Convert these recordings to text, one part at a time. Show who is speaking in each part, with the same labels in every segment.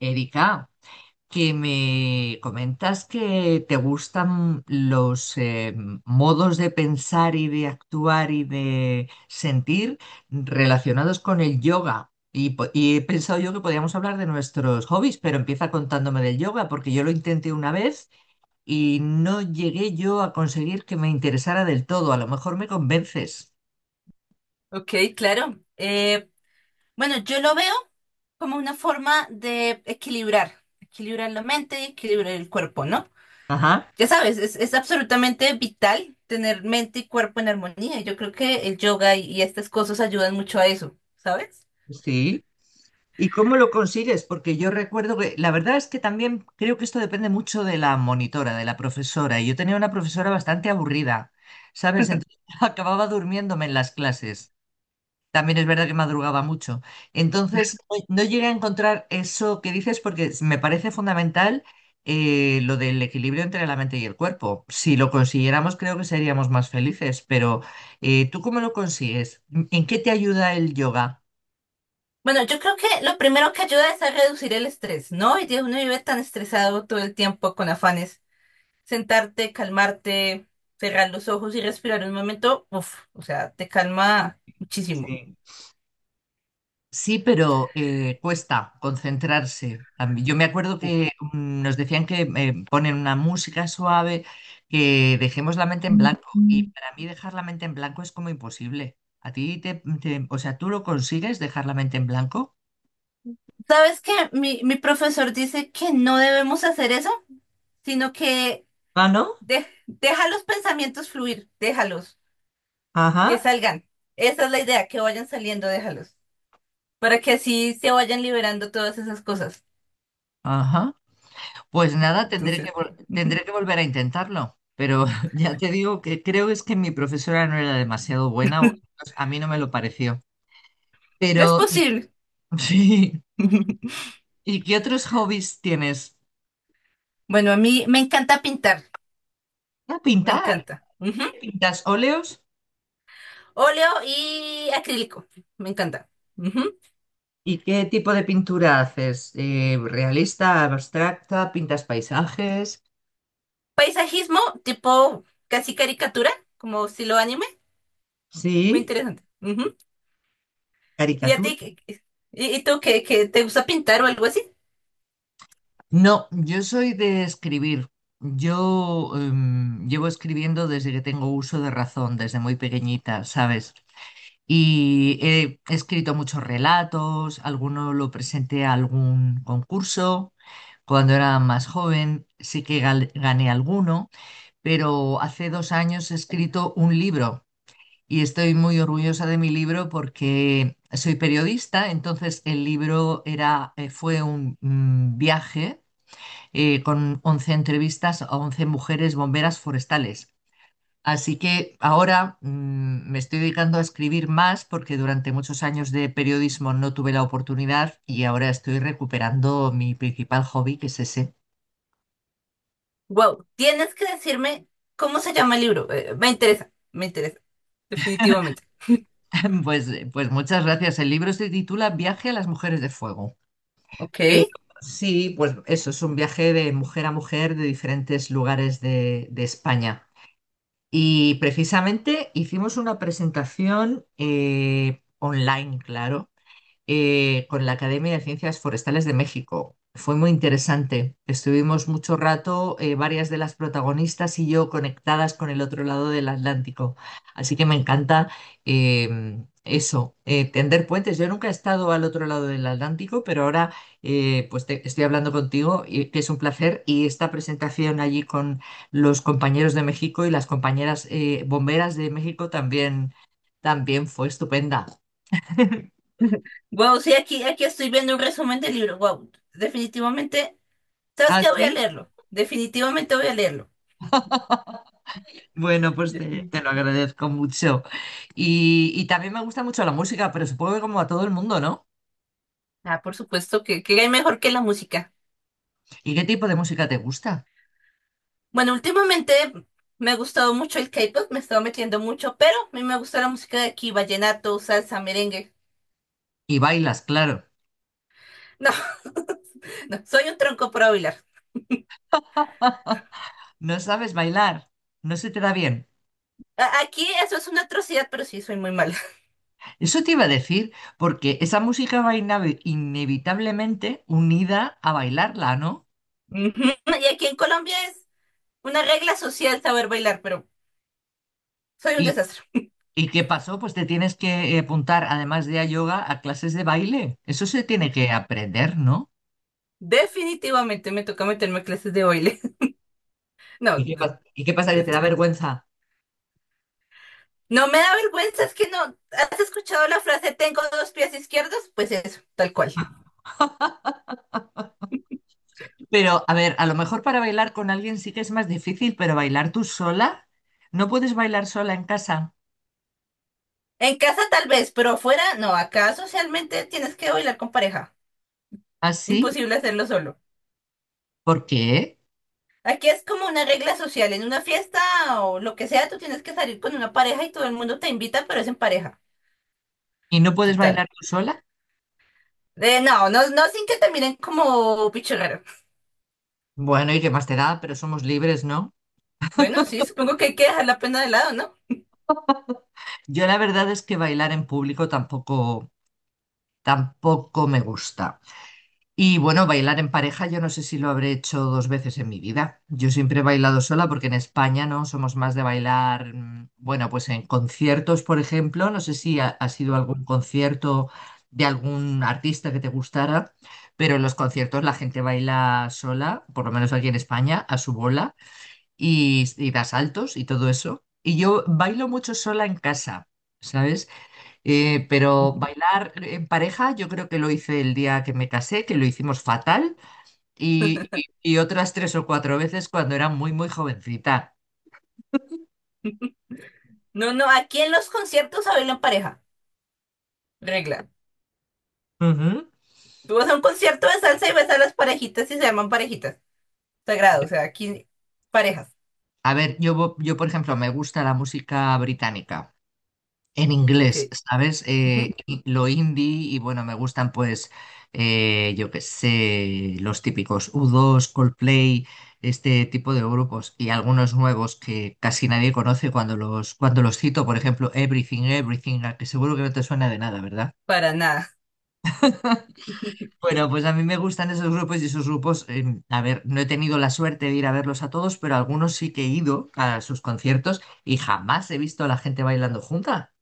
Speaker 1: Erika, que me comentas que te gustan los modos de pensar y de actuar y de sentir relacionados con el yoga. Y he pensado yo que podíamos hablar de nuestros hobbies, pero empieza contándome del yoga, porque yo lo intenté una vez y no llegué yo a conseguir que me interesara del todo. A lo mejor me convences.
Speaker 2: Ok, claro. Bueno, yo lo veo como una forma de equilibrar, equilibrar la mente y equilibrar el cuerpo, ¿no?
Speaker 1: Ajá,
Speaker 2: Ya sabes, es absolutamente vital tener mente y cuerpo en armonía. Yo creo que el yoga y estas cosas ayudan mucho a eso, ¿sabes?
Speaker 1: sí. ¿Y cómo lo consigues? Porque yo recuerdo que la verdad es que también creo que esto depende mucho de la monitora, de la profesora. Y yo tenía una profesora bastante aburrida, ¿sabes? Entonces acababa durmiéndome en las clases. También es verdad que madrugaba mucho. Entonces no llegué a encontrar eso que dices porque me parece fundamental, lo del equilibrio entre la mente y el cuerpo. Si lo consiguiéramos, creo que seríamos más felices. Pero ¿tú cómo lo consigues? ¿En qué te ayuda el yoga?
Speaker 2: Bueno, yo creo que lo primero que ayuda es a reducir el estrés, ¿no? Hoy día uno vive tan estresado todo el tiempo con afanes. Sentarte, calmarte, cerrar los ojos y respirar un momento, uff, o sea, te calma muchísimo.
Speaker 1: Sí, pero cuesta concentrarse. Yo me acuerdo que nos decían que ponen una música suave, que dejemos la mente en blanco. Y para mí dejar la mente en blanco es como imposible. A ti o sea, ¿tú lo consigues dejar la mente en blanco?
Speaker 2: ¿Sabes qué? Mi profesor dice que no debemos hacer eso, sino que
Speaker 1: Ah, ¿no?
Speaker 2: deja los pensamientos fluir, déjalos, que
Speaker 1: Ajá.
Speaker 2: salgan. Esa es la idea, que vayan saliendo, déjalos, para que así se vayan liberando todas esas cosas.
Speaker 1: Ajá. Pues nada, tendré que,
Speaker 2: Entonces,
Speaker 1: vol- tendré que volver a intentarlo. Pero ya te digo que creo es que mi profesora no era demasiado buena, o al menos a mí no me lo pareció.
Speaker 2: es
Speaker 1: Pero
Speaker 2: posible.
Speaker 1: sí. ¿Y qué otros hobbies tienes?
Speaker 2: Bueno, a mí me encanta pintar,
Speaker 1: Ah,
Speaker 2: me
Speaker 1: pintar.
Speaker 2: encanta. Ujú.
Speaker 1: ¿Pintas óleos?
Speaker 2: Óleo y acrílico, me encanta. Ujú.
Speaker 1: ¿Y qué tipo de pintura haces? ¿Realista, abstracta? ¿Pintas paisajes?
Speaker 2: Paisajismo tipo casi caricatura, como estilo anime, muy
Speaker 1: ¿Sí?
Speaker 2: interesante. Ujú. ¿Y a
Speaker 1: ¿Caricatura?
Speaker 2: ti? ¿Y, y tú, te gusta pintar o algo así?
Speaker 1: No, yo soy de escribir. Yo llevo escribiendo desde que tengo uso de razón, desde muy pequeñita, ¿sabes? Y he escrito muchos relatos, alguno lo presenté a algún concurso cuando era más joven, sí que gané alguno. Pero hace 2 años he escrito un libro y estoy muy orgullosa de mi libro porque soy periodista, entonces el libro era, fue un viaje con 11 entrevistas a 11 mujeres bomberas forestales. Así que ahora me estoy dedicando a escribir más porque durante muchos años de periodismo no tuve la oportunidad y ahora estoy recuperando mi principal hobby, que es ese.
Speaker 2: Wow, tienes que decirme cómo se llama el libro. Me interesa, definitivamente.
Speaker 1: Pues, pues muchas gracias. El libro se titula Viaje a las mujeres de fuego.
Speaker 2: Ok.
Speaker 1: Eh, sí, pues eso, es un viaje de mujer a mujer de diferentes lugares de España. Y precisamente hicimos una presentación online, claro, con la Academia de Ciencias Forestales de México. Fue muy interesante. Estuvimos mucho rato, varias de las protagonistas y yo conectadas con el otro lado del Atlántico. Así que me encanta eso, tender puentes. Yo nunca he estado al otro lado del Atlántico, pero ahora, pues estoy hablando contigo, y, que es un placer. Y esta presentación allí con los compañeros de México y las compañeras bomberas de México también, también fue estupenda.
Speaker 2: Wow, sí, aquí estoy viendo un resumen del libro. Wow, definitivamente. ¿Sabes
Speaker 1: ¿Ah,
Speaker 2: qué? Voy a
Speaker 1: sí?
Speaker 2: leerlo. Definitivamente voy a leerlo.
Speaker 1: Bueno, pues te lo agradezco mucho. Y también me gusta mucho la música, pero supongo que como a todo el mundo, ¿no?
Speaker 2: Ah, por supuesto que hay mejor que la música.
Speaker 1: ¿Y qué tipo de música te gusta?
Speaker 2: Bueno, últimamente me ha gustado mucho el K-pop, me he estado metiendo mucho, pero a mí me gusta la música de aquí, vallenato, salsa, merengue.
Speaker 1: Y bailas, claro.
Speaker 2: No, no, soy un tronco para bailar.
Speaker 1: No sabes bailar, no se te da bien.
Speaker 2: Aquí eso es una atrocidad, pero sí soy muy mala.
Speaker 1: Eso te iba a decir, porque esa música va inevitablemente unida a bailarla, ¿no?
Speaker 2: Ujú. Y aquí en Colombia es una regla social saber bailar, pero soy un
Speaker 1: ¿Y,
Speaker 2: desastre.
Speaker 1: y qué pasó? Pues te tienes que apuntar, además de a yoga, a clases de baile. Eso se tiene que aprender, ¿no?
Speaker 2: Definitivamente me toca meterme a clases de baile.
Speaker 1: ¿Y
Speaker 2: No,
Speaker 1: qué, y qué
Speaker 2: un
Speaker 1: pasa? ¿Que te da
Speaker 2: desastre.
Speaker 1: vergüenza?
Speaker 2: No me da vergüenza, es que no. ¿Has escuchado la frase tengo dos pies izquierdos? Pues eso, tal cual.
Speaker 1: Pero, a ver, a lo mejor para bailar con alguien sí que es más difícil, pero bailar tú sola, ¿no puedes bailar sola en casa?
Speaker 2: En casa tal vez, pero afuera no. Acá socialmente tienes que bailar con pareja.
Speaker 1: ¿Así?
Speaker 2: Imposible hacerlo solo.
Speaker 1: ¿Por qué?
Speaker 2: Aquí es como una regla social. En una fiesta o lo que sea, tú tienes que salir con una pareja y todo el mundo te invita, pero es en pareja.
Speaker 1: ¿Y no puedes
Speaker 2: Total.
Speaker 1: bailar tú sola?
Speaker 2: No, no, no sin que te miren como bicho raro.
Speaker 1: Bueno, ¿y qué más te da? Pero somos libres, ¿no?
Speaker 2: Bueno, sí, supongo que hay que dejar la pena de lado, ¿no?
Speaker 1: Yo la verdad es que bailar en público tampoco, tampoco me gusta. Y bueno, bailar en pareja, yo no sé si lo habré hecho 2 veces en mi vida. Yo siempre he bailado sola porque en España no somos más de bailar, bueno, pues en conciertos, por ejemplo. No sé si ha sido algún concierto de algún artista que te gustara, pero en los conciertos la gente baila sola, por lo menos aquí en España, a su bola y da saltos y todo eso. Y yo bailo mucho sola en casa, ¿sabes? Pero
Speaker 2: Ujú.
Speaker 1: bailar en pareja, yo creo que lo hice el día que me casé, que lo hicimos fatal, y otras 3 o 4 veces cuando era muy, muy jovencita.
Speaker 2: No, no, aquí en los conciertos se baila en pareja. Regla.
Speaker 1: Ujú.
Speaker 2: Tú vas a un concierto de salsa y ves a las parejitas y se llaman parejitas. Sagrado, o sea, aquí parejas.
Speaker 1: A ver, por ejemplo, me gusta la música británica. En inglés,
Speaker 2: Que
Speaker 1: ¿sabes? Y lo indie y bueno, me gustan pues, yo qué sé, los típicos U2, Coldplay, este tipo de grupos y algunos nuevos que casi nadie conoce cuando cuando los cito, por ejemplo, Everything, Everything, a que seguro que no te suena de nada, ¿verdad?
Speaker 2: Para nada.
Speaker 1: Bueno, pues a mí me gustan esos grupos y esos grupos, a ver, no he tenido la suerte de ir a verlos a todos, pero algunos sí que he ido a sus conciertos y jamás he visto a la gente bailando junta.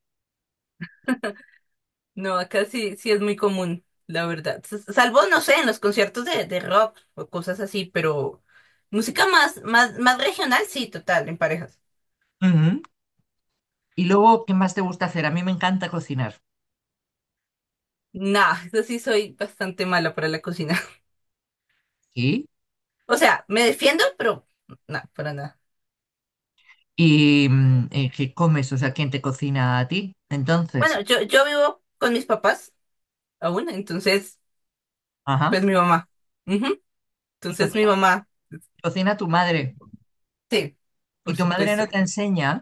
Speaker 2: No, acá sí, sí es muy común, la verdad. Salvo, no sé, en los conciertos de rock o cosas así, pero música más, más, más regional, sí, total, en parejas.
Speaker 1: Ujú. Y luego, ¿qué más te gusta hacer? A mí me encanta cocinar.
Speaker 2: Nah, eso sí soy bastante mala para la cocina.
Speaker 1: ¿Sí?
Speaker 2: O sea, me defiendo, pero no, para nada.
Speaker 1: ¿Y qué comes? O sea, ¿quién te cocina a ti? Entonces,
Speaker 2: Bueno, yo vivo con mis papás aún, entonces,
Speaker 1: ajá.
Speaker 2: pues mi mamá. Ujú.
Speaker 1: Y
Speaker 2: Entonces mi mamá,
Speaker 1: cocina tu madre.
Speaker 2: sí,
Speaker 1: ¿Y
Speaker 2: por
Speaker 1: tu madre
Speaker 2: supuesto.
Speaker 1: no te enseña?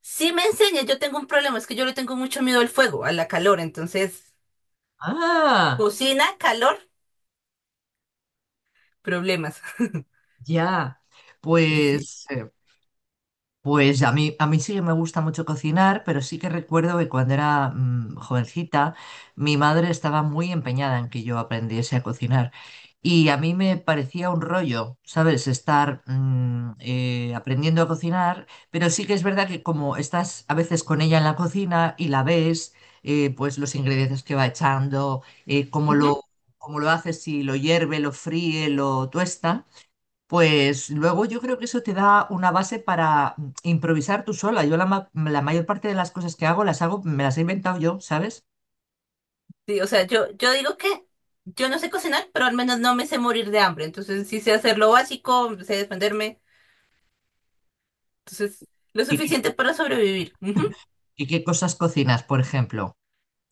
Speaker 2: Sí me enseña, yo tengo un problema, es que yo le tengo mucho miedo al fuego, a la calor, entonces,
Speaker 1: Ah,
Speaker 2: cocina, calor. Problemas.
Speaker 1: ya.
Speaker 2: Y sí.
Speaker 1: Pues eh, pues a mí sí que me gusta mucho cocinar, pero sí que recuerdo que cuando era jovencita, mi madre estaba muy empeñada en que yo aprendiese a cocinar. Y a mí me parecía un rollo, ¿sabes? Estar aprendiendo a cocinar, pero sí que es verdad que como estás a veces con ella en la cocina y la ves, pues los ingredientes que va echando, cómo
Speaker 2: Ujú.
Speaker 1: lo, cómo lo hace, si lo hierve, lo fríe, lo tuesta. Pues luego yo creo que eso te da una base para improvisar tú sola. Yo la mayor parte de las cosas que hago las hago, me las he inventado yo, ¿sabes?
Speaker 2: Sí, o sea, yo digo que yo no sé cocinar, pero al menos no me sé morir de hambre. Entonces, sí sé hacer lo básico, sé defenderme. Entonces, lo
Speaker 1: ¿Y qué,
Speaker 2: suficiente para sobrevivir. Ujú.
Speaker 1: y qué cosas cocinas, por ejemplo?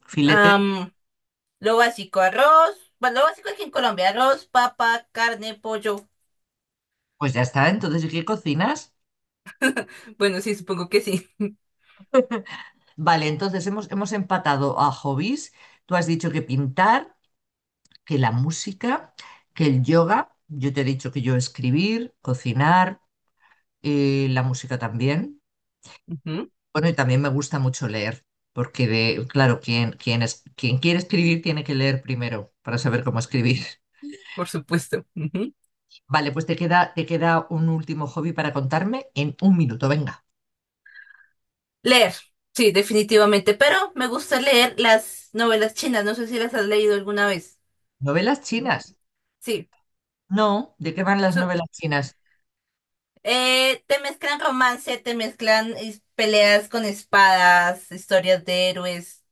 Speaker 1: Filete,
Speaker 2: Am, lo básico, arroz. Bueno, lo básico aquí en Colombia, arroz, papa, carne, pollo.
Speaker 1: pues ya está. Entonces, ¿y qué cocinas?
Speaker 2: Bueno, sí, supongo que sí.
Speaker 1: Vale, entonces hemos empatado a hobbies. Tú has dicho que pintar, que la música, que el yoga. Yo te he dicho que yo escribir, cocinar, la música también.
Speaker 2: Ujú.
Speaker 1: Bueno, y también me gusta mucho leer, porque de, claro, quien quiere escribir tiene que leer primero para saber cómo escribir.
Speaker 2: Por supuesto. Ujú.
Speaker 1: Vale, pues te queda un último hobby para contarme en un minuto, venga.
Speaker 2: Leer. Sí, definitivamente. Pero me gusta leer las novelas chinas. No sé si las has leído alguna vez.
Speaker 1: ¿Novelas chinas?
Speaker 2: Sí.
Speaker 1: No, ¿de qué van las novelas chinas?
Speaker 2: Te mezclan romance, te mezclan peleas con espadas, historias de héroes.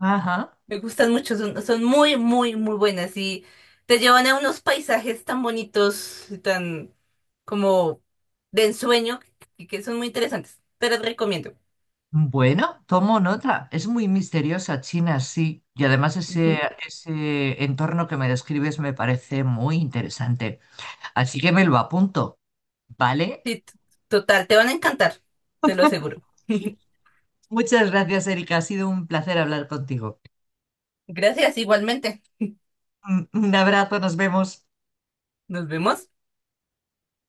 Speaker 1: Ajá.
Speaker 2: Me gustan mucho, son, son muy, muy, muy buenas y te llevan a unos paisajes tan bonitos, y tan como de ensueño, que son muy interesantes. Te las recomiendo.
Speaker 1: Bueno, tomo nota. Es muy misteriosa China, sí. Y además ese,
Speaker 2: Ujú.
Speaker 1: ese entorno que me describes me parece muy interesante. Así que me lo apunto, ¿vale?
Speaker 2: Sí, total, te van a encantar, te lo aseguro.
Speaker 1: Muchas gracias, Erika. Ha sido un placer hablar contigo.
Speaker 2: Gracias, igualmente.
Speaker 1: Un abrazo, nos vemos.
Speaker 2: Nos vemos.